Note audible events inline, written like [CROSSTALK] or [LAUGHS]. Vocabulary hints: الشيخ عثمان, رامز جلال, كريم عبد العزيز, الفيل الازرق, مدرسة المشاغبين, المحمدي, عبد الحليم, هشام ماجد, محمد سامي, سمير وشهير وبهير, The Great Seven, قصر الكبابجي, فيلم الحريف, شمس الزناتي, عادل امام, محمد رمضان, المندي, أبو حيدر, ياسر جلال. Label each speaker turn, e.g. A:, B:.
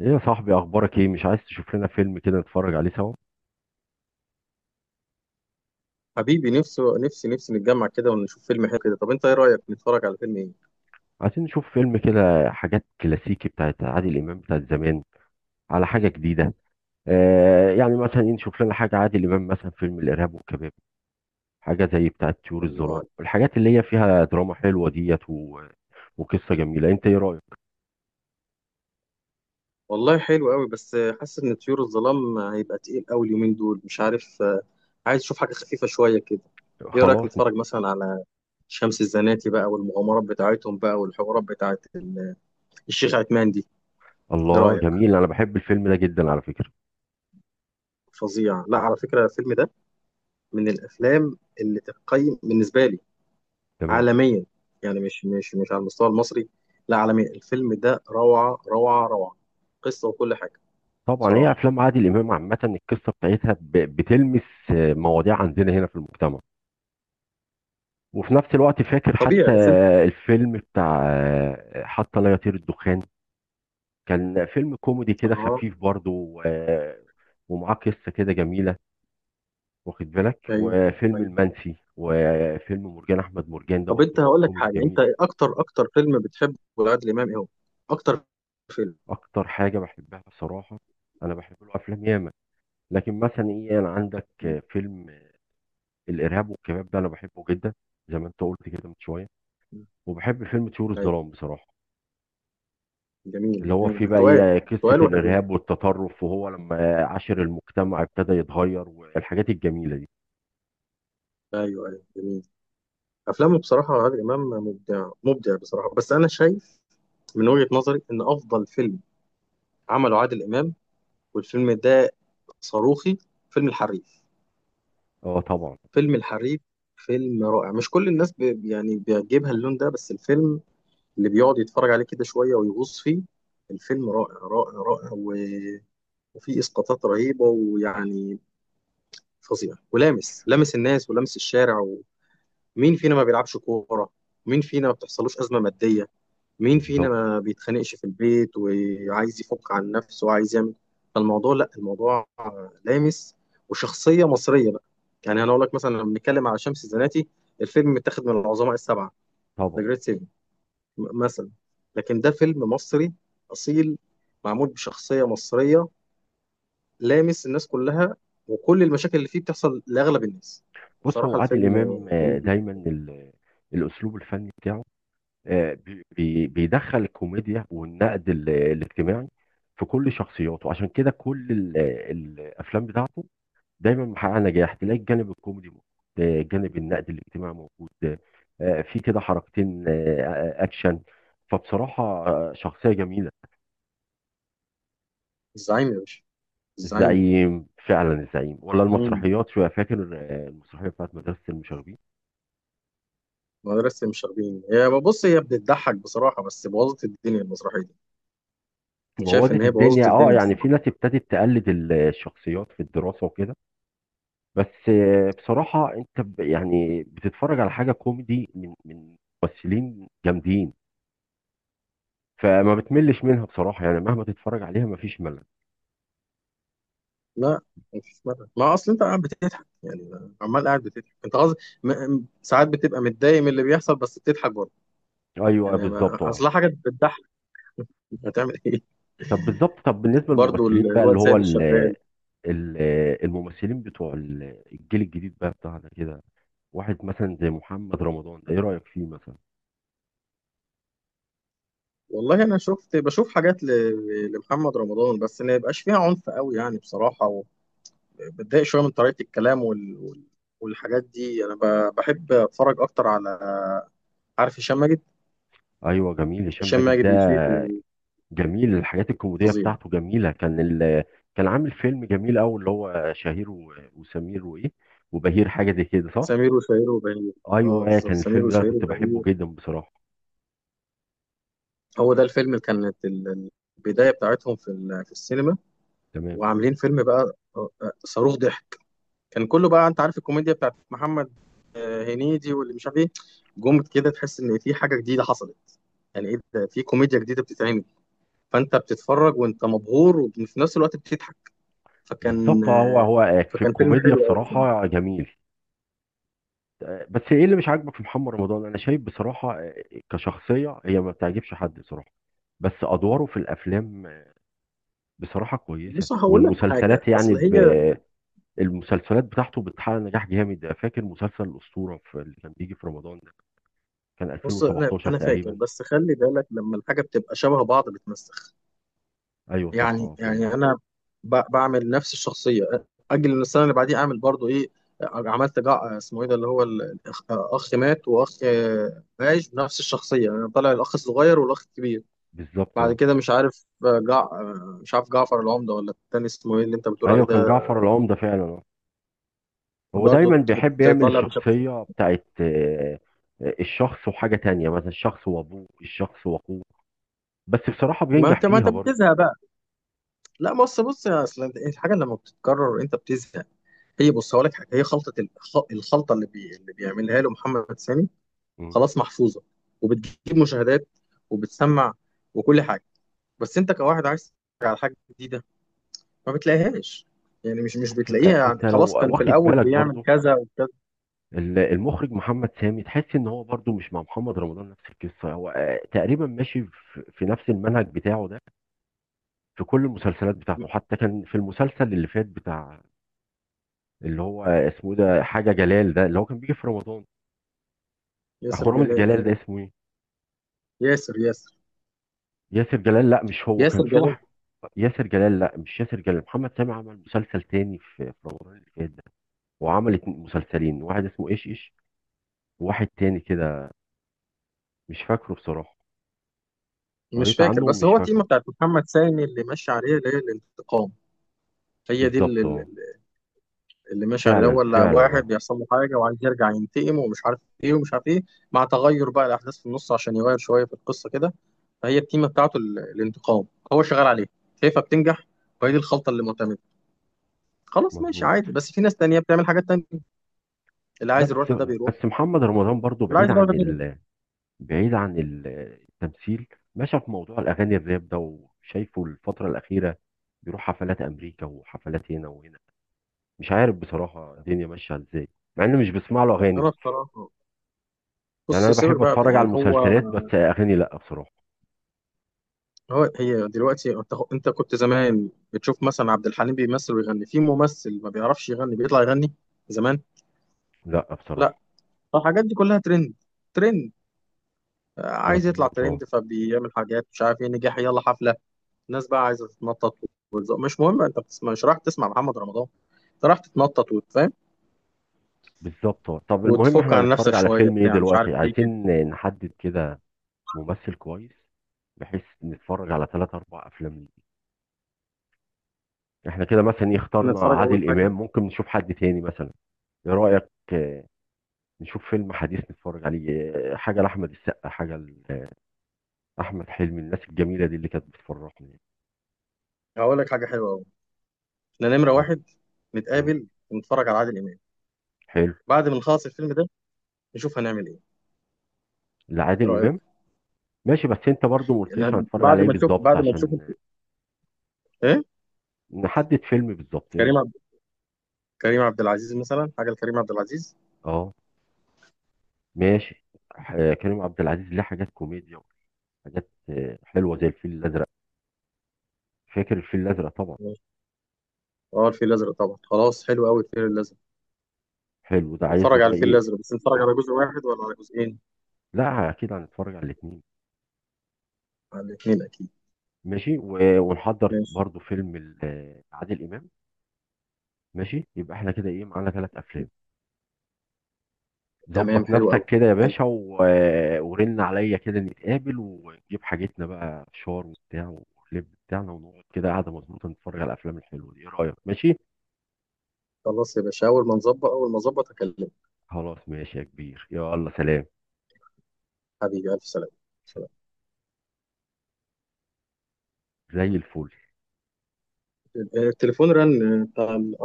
A: ايه يا صاحبي، اخبارك ايه؟ مش عايز تشوف لنا فيلم كده نتفرج عليه سوا؟
B: حبيبي، نفسي نفسي نفسي نتجمع كده ونشوف فيلم حلو كده. طب انت ايه رأيك نتفرج على فيلم ايه؟
A: عايزين نشوف فيلم كده، حاجات كلاسيكي بتاعت عادل امام بتاعت زمان، على حاجه جديده. يعني مثلا نشوف لنا حاجه عادل امام، مثلا فيلم الارهاب والكباب، حاجه زي بتاعت طيور
B: الله
A: الظلام،
B: عليك.
A: الحاجات اللي هي فيها دراما حلوه ديت. وقصه جميله، انت ايه رايك؟
B: والله حلو قوي بس حاسس ان طيور الظلام هيبقى تقيل قوي اليومين دول مش عارف. عايز اشوف حاجة خفيفة شوية كده. ايه رأيك
A: خلاص.
B: نتفرج مثلا على شمس الزناتي بقى والمغامرات بتاعتهم بقى والحوارات بتاعت الشيخ عثمان دي. ايه
A: الله،
B: رأيك؟
A: جميل، انا بحب الفيلم ده جدا على فكره.
B: فظيع. لا، على فكرة الفيلم ده من الافلام اللي تقيم بالنسبة لي
A: تمام.
B: عالميا. يعني مش على المستوى المصري، لا، عالميا. الفيلم ده روعة روعة روعة، قصة وكل حاجة.
A: طبعا هي
B: بصراحة
A: افلام عادل امام عامه، القصه بتاعتها بتلمس مواضيع عندنا هنا في المجتمع، وفي نفس الوقت فاكر حتى
B: طبيعي بس انت.
A: الفيلم بتاع حتى لا يطير الدخان، كان فيلم كوميدي كده
B: اه،
A: خفيف برضه، ومعاه قصة كده جميلة. واخد بالك؟
B: ايوه،
A: وفيلم
B: ايوه.
A: المنسي، وفيلم مرجان أحمد مرجان ده
B: طب
A: برضه
B: انت هقول لك
A: كوميدي
B: حاجة. انت
A: جميل.
B: اكتر اكتر فيلم بتحبه لعادل امام ايه هو؟ اكتر فيلم.
A: أكتر حاجة بحبها بصراحة، أنا بحب له أفلام ياما، لكن مثلا إيه؟ أنا عندك
B: مم.
A: فيلم الإرهاب والكباب ده أنا بحبه جدا زي ما أنت قلت كده من شوية،
B: مم.
A: وبحب فيلم طيور
B: ايوه،
A: الظلام بصراحة،
B: جميل
A: اللي هو
B: الاثنين،
A: فيه
B: جميل
A: بقى
B: تقال.
A: ايه؟ قصة
B: تقال وحلوين.
A: الإرهاب والتطرف، وهو لما عاشر المجتمع ابتدى يتغير، والحاجات الجميلة دي.
B: ايوه، ايوه، جميل. افلامه بصراحة، عادل امام مبدع مبدع بصراحة. بس انا شايف من وجهة نظري ان افضل فيلم عمله عادل امام، والفيلم ده صاروخي، فيلم الحريف.
A: اه طبعا.
B: فيلم الحريف فيلم رائع. مش كل الناس يعني بيعجبها اللون ده، بس الفيلم اللي بيقعد يتفرج عليه كده شوية ويغوص فيه، الفيلم رائع رائع رائع. وفيه إسقاطات رهيبة، ويعني فظيع، ولامس، لامس الناس ولامس الشارع. ومين فينا ما بيلعبش كورة؟ مين فينا ما بتحصلوش أزمة مادية؟ مين فينا
A: بالظبط.
B: ما بيتخانقش في البيت وعايز يفك عن نفسه وعايز يعمل؟ فالموضوع، لا، الموضوع لامس. وشخصية مصرية بقى. يعني انا اقول لك، مثلا لما بنتكلم على شمس الزناتي، الفيلم متاخد من العظماء السبعة، ذا
A: طبعا.
B: جريت سيفن مثلا، لكن ده فيلم مصري اصيل، معمول بشخصية مصرية، لامس الناس كلها، وكل المشاكل اللي فيه بتحصل لاغلب الناس.
A: بص، هو
B: بصراحة
A: عادل
B: الفيلم
A: إمام
B: جميل جدا.
A: دايما الأسلوب الفني بتاعه بيدخل الكوميديا والنقد الاجتماعي في كل شخصياته، عشان كده كل الأفلام بتاعته دايما محقق نجاح، تلاقي الجانب الكوميدي موجود، جانب النقد الاجتماعي موجود، في كده حركتين اكشن، فبصراحة شخصية جميلة.
B: الزعيم يا باشا، الزعيم.
A: الزعيم فعلا، الزعيم. ولا
B: مم.
A: المسرحيات شوية، فاكر المسرحية بتاعت مدرسة المشاغبين؟
B: مدرسة المشاغبين، هي بص هي بتضحك بصراحة، بس بوظت الدنيا المسرحية دي. أنا شايف إن
A: بوظت
B: هي بوظت
A: الدنيا، اه،
B: الدنيا،
A: يعني في
B: الصراحة.
A: ناس ابتدت تقلد الشخصيات في الدراسة وكده. بس بصراحة انت يعني بتتفرج على حاجة كوميدي من ممثلين جامدين، فما بتملش منها بصراحة، يعني مهما تتفرج عليها مفيش ملل.
B: لا، مفيش مدى، ما أصل أنت قاعد بتضحك، يعني عمال قاعد بتضحك. أنت قصدي ساعات بتبقى متضايق من اللي بيحصل بس بتضحك برضه.
A: ايوه
B: يعني ما...
A: بالظبط، اه.
B: أصل حاجة بتضحك، هتعمل إيه؟
A: طب بالظبط، طب
B: [LAUGHS]
A: بالنسبه
B: برضه
A: للممثلين بقى اللي
B: الواد
A: هو
B: سيد
A: ال
B: الشغال.
A: ال الممثلين بتوع الجيل الجديد بقى بتاعنا كده، واحد مثلا زي محمد رمضان ده ايه رايك فيه مثلا؟
B: والله أنا بشوف حاجات لمحمد رمضان، بس ما يبقاش فيها عنف قوي يعني، بصراحة. وبتضايق شوية من طريقة الكلام والحاجات دي. أنا بحب أتفرج أكتر على، عارف هشام ماجد؟
A: ايوه جميل، هشام
B: هشام
A: ماجد
B: ماجد
A: ده
B: موسيقي،
A: جميل، الحاجات الكوميديه
B: فظيع.
A: بتاعته جميله، كان كان عامل فيلم جميل قوي، اللي هو شهير وسمير وايه وبهير، حاجه زي كده صح؟
B: سمير وشهير وبهير. اه
A: ايوه
B: بالظبط،
A: كان
B: سمير
A: الفيلم ده انا
B: وشهير
A: كنت بحبه
B: وبهير.
A: جدا بصراحه.
B: هو ده الفيلم اللي كانت البدايه بتاعتهم في السينما.
A: تمام.
B: وعاملين فيلم بقى، صاروخ ضحك. كان كله بقى، انت عارف الكوميديا بتاعت محمد هنيدي واللي مش عارف ايه، جم كده تحس ان في حاجه جديده حصلت. يعني ايه ده، في كوميديا جديده بتتعمل، فانت بتتفرج وانت مبهور وفي نفس الوقت بتضحك. فكان
A: بالظبط. هو
B: آه،
A: هو في
B: فكان فيلم
A: الكوميديا
B: حلو قوي بصراحه.
A: بصراحه جميل. بس ايه اللي مش عاجبك في محمد رمضان؟ انا شايف بصراحه كشخصيه هي ما بتعجبش حد بصراحه، بس ادواره في الافلام بصراحه كويسه،
B: بص هقول لك حاجه،
A: والمسلسلات
B: اصل
A: يعني ب...
B: هي،
A: المسلسلات بتاعته بتحقق نجاح جامد، فاكر مسلسل الاسطوره في اللي كان بيجي في رمضان ده؟ كان
B: بص، انا
A: 2017
B: انا فاكر،
A: تقريبا.
B: بس خلي بالك لما الحاجه بتبقى شبه بعض بتمسخ.
A: ايوه صح
B: يعني
A: اه فعلا.
B: يعني انا بعمل نفس الشخصيه، اجل إن السنه اللي بعديها اعمل برضو ايه؟ عملت اسمه ايه ده، اللي هو اخ مات واخ عايش بنفس الشخصيه. انا طالع الاخ الصغير والاخ الكبير،
A: بالظبط
B: بعد
A: اه.
B: كده مش عارف، آه، جع آه، مش عارف جعفر العمده ولا التاني اسمه ايه اللي انت بتقول عليه
A: ايوه كان
B: ده.
A: جعفر العمده فعلا اه. هو دايما
B: برضو
A: بيحب يعمل
B: طالع بشخص.
A: الشخصيه بتاعت الشخص وحاجه تانية، مثلا الشخص وابوه، الشخص واخوه، بس بصراحه
B: ما
A: بينجح
B: انت ما انت
A: فيها برضه.
B: بتزهق بقى. لا، بص بص يا، اصل الحاجه لما بتتكرر انت بتزهق. هي بص هقول لك حاجه، هي خلطه الخلطه اللي اللي بيعملها له محمد سامي،
A: مم.
B: خلاص محفوظه، وبتجيب مشاهدات، وبتسمع، وكل حاجه. بس انت كواحد عايز تتفرج على حاجه جديده، ما بتلاقيهاش. يعني مش
A: بس انت
B: بتلاقيها. يعني
A: انت لو
B: خلاص، كان في
A: واخد
B: الاول
A: بالك
B: بيعمل
A: برضو
B: كذا وكذا.
A: المخرج محمد سامي، تحس ان هو برضو مش مع محمد رمضان نفس القصه، هو تقريبا ماشي في نفس المنهج بتاعه ده في كل المسلسلات بتاعته، حتى كان في المسلسل اللي فات بتاع اللي هو اسمه إيه ده، حاجه جلال ده اللي هو كان بيجي في رمضان، اخو
B: ياسر
A: رامز
B: جلال،
A: جلال
B: ايوه.
A: ده اسمه ايه؟
B: ياسر
A: ياسر جلال، لا مش هو، كان
B: ياسر
A: في
B: جلال.
A: واحد ياسر جلال، لا مش ياسر جلال، محمد سامي عمل مسلسل تاني في رمضان اللي فات ده، وعمل مسلسلين، واحد اسمه ايش وواحد تاني كده مش فاكره بصراحه،
B: مش
A: قريت
B: فاكر،
A: عنه
B: بس
A: ومش
B: هو
A: فاكره.
B: التيمه بتاعت محمد سامي اللي ماشي عليها اللي هي الانتقام. هي دي
A: بالظبط اه.
B: اللي ماشي على
A: فعلا
B: الاول، لا
A: فعلا
B: واحد
A: اه.
B: بيحصل له حاجه وعايز يرجع ينتقم، ومش عارف ايه ومش عارف ايه، مع تغير بقى الاحداث في النص عشان يغير شويه في القصه كده. فهي التيمه بتاعته، الانتقام، هو شغال عليها، شايفها بتنجح، وهي دي الخلطه اللي معتمده. خلاص، ماشي
A: مظبوط.
B: عادي، بس في ناس تانية بتعمل حاجات تانية، اللي
A: لا
B: عايز يروح
A: بس
B: لده بيروح،
A: بس محمد رمضان برضو
B: واللي
A: بعيد
B: عايز يروح
A: عن
B: لده بيروح.
A: بعيد عن التمثيل، ماشي في موضوع الاغاني الراب ده، وشايفه الفتره الاخيره بيروح حفلات امريكا وحفلات هنا وهنا، مش عارف بصراحه الدنيا ماشيه ازاي، مع اني مش بسمع له اغاني.
B: انا بصراحه،
A: يعني
B: بص
A: انا
B: سيبك
A: بحب
B: بقى،
A: اتفرج على
B: يعني هو
A: المسلسلات بس اغاني لا بصراحه.
B: هو هي دلوقتي، انت كنت زمان بتشوف مثلا عبد الحليم بيمثل ويغني، في ممثل ما بيعرفش يغني بيطلع يغني؟ زمان
A: لا
B: لا.
A: بصراحه.
B: فالحاجات دي كلها ترند، ترند. عايز يطلع
A: مظبوط اه.
B: ترند، فبيعمل حاجات مش عارف ايه، نجاح، يلا حفله. الناس بقى عايزه تتنطط وتزق، مش مهم. انت بتسمع، مش رايح تسمع محمد رمضان، انت رايح تتنطط وتفهم
A: بالظبط اه. طب المهم
B: وتفك
A: احنا
B: عن نفسك
A: هنتفرج على
B: شويه
A: فيلم ايه
B: بتاع، مش عارف
A: دلوقتي؟
B: ايه كده.
A: عايزين نحدد كده ممثل كويس، بحيث نتفرج على 3 أو 4 أفلام ليه، احنا كده مثلا إيه
B: احنا
A: اخترنا
B: نتفرج اول
A: عادل
B: حاجه،
A: امام، ممكن نشوف حد تاني مثلا، ايه رايك؟ نشوف فيلم حديث نتفرج عليه، حاجه لاحمد السقا، حاجه لاحمد حلمي، الناس الجميله دي اللي كانت بتفرحني.
B: هقول لك حاجه حلوه قوي. احنا نمره
A: إيه؟
B: واحد
A: مم.
B: نتقابل ونتفرج على عادل امام،
A: حلو.
B: بعد ما نخلص الفيلم ده نشوف هنعمل ايه. ايه
A: لعادل
B: رايك؟
A: امام؟ ماشي، بس انت برضو ما قلتليش
B: إحنا
A: هنتفرج على
B: بعد
A: ايه
B: ما نشوف،
A: بالظبط عشان
B: ايه؟
A: نحدد فيلم بالظبط، ايه
B: كريم
A: رايك؟
B: عبد كريم عبد العزيز مثلا، حاجه لكريم عبد العزيز.
A: اه ماشي. كريم عبد العزيز ليه حاجات كوميديا، وحاجات حلوه زي الفيل الازرق، فاكر الفيل الازرق طبعا.
B: ماشي. اه الفيل الازرق طبعا، خلاص، حلو قوي الفيل الازرق.
A: حلو، ده عايز له
B: اتفرج على
A: بقى
B: الفيل
A: ايه؟
B: الازرق، بس نتفرج على جزء واحد ولا على جزئين؟
A: لا اكيد هنتفرج على الاثنين.
B: على الاثنين اكيد.
A: ماشي ونحضر
B: ماشي.
A: برضو فيلم عادل امام. ماشي، يبقى احنا كده ايه معانا 3 أفلام.
B: تمام،
A: ظبط
B: حلو
A: نفسك
B: قوي.
A: كده يا
B: حلو.
A: باشا. ورن عليا كده، نتقابل ونجيب حاجتنا بقى فشار وبتاع واللب بتاعنا، ونقعد كده قاعده مظبوطه نتفرج على الافلام الحلوه دي، ايه رايك ماشي؟
B: خلاص يا باشا، اول ما اظبط اكلمك.
A: خلاص ماشي يا كبير، يلا سلام.
B: حبيبي الف سلامه. سلام.
A: زي الفل.
B: التليفون رن بتاع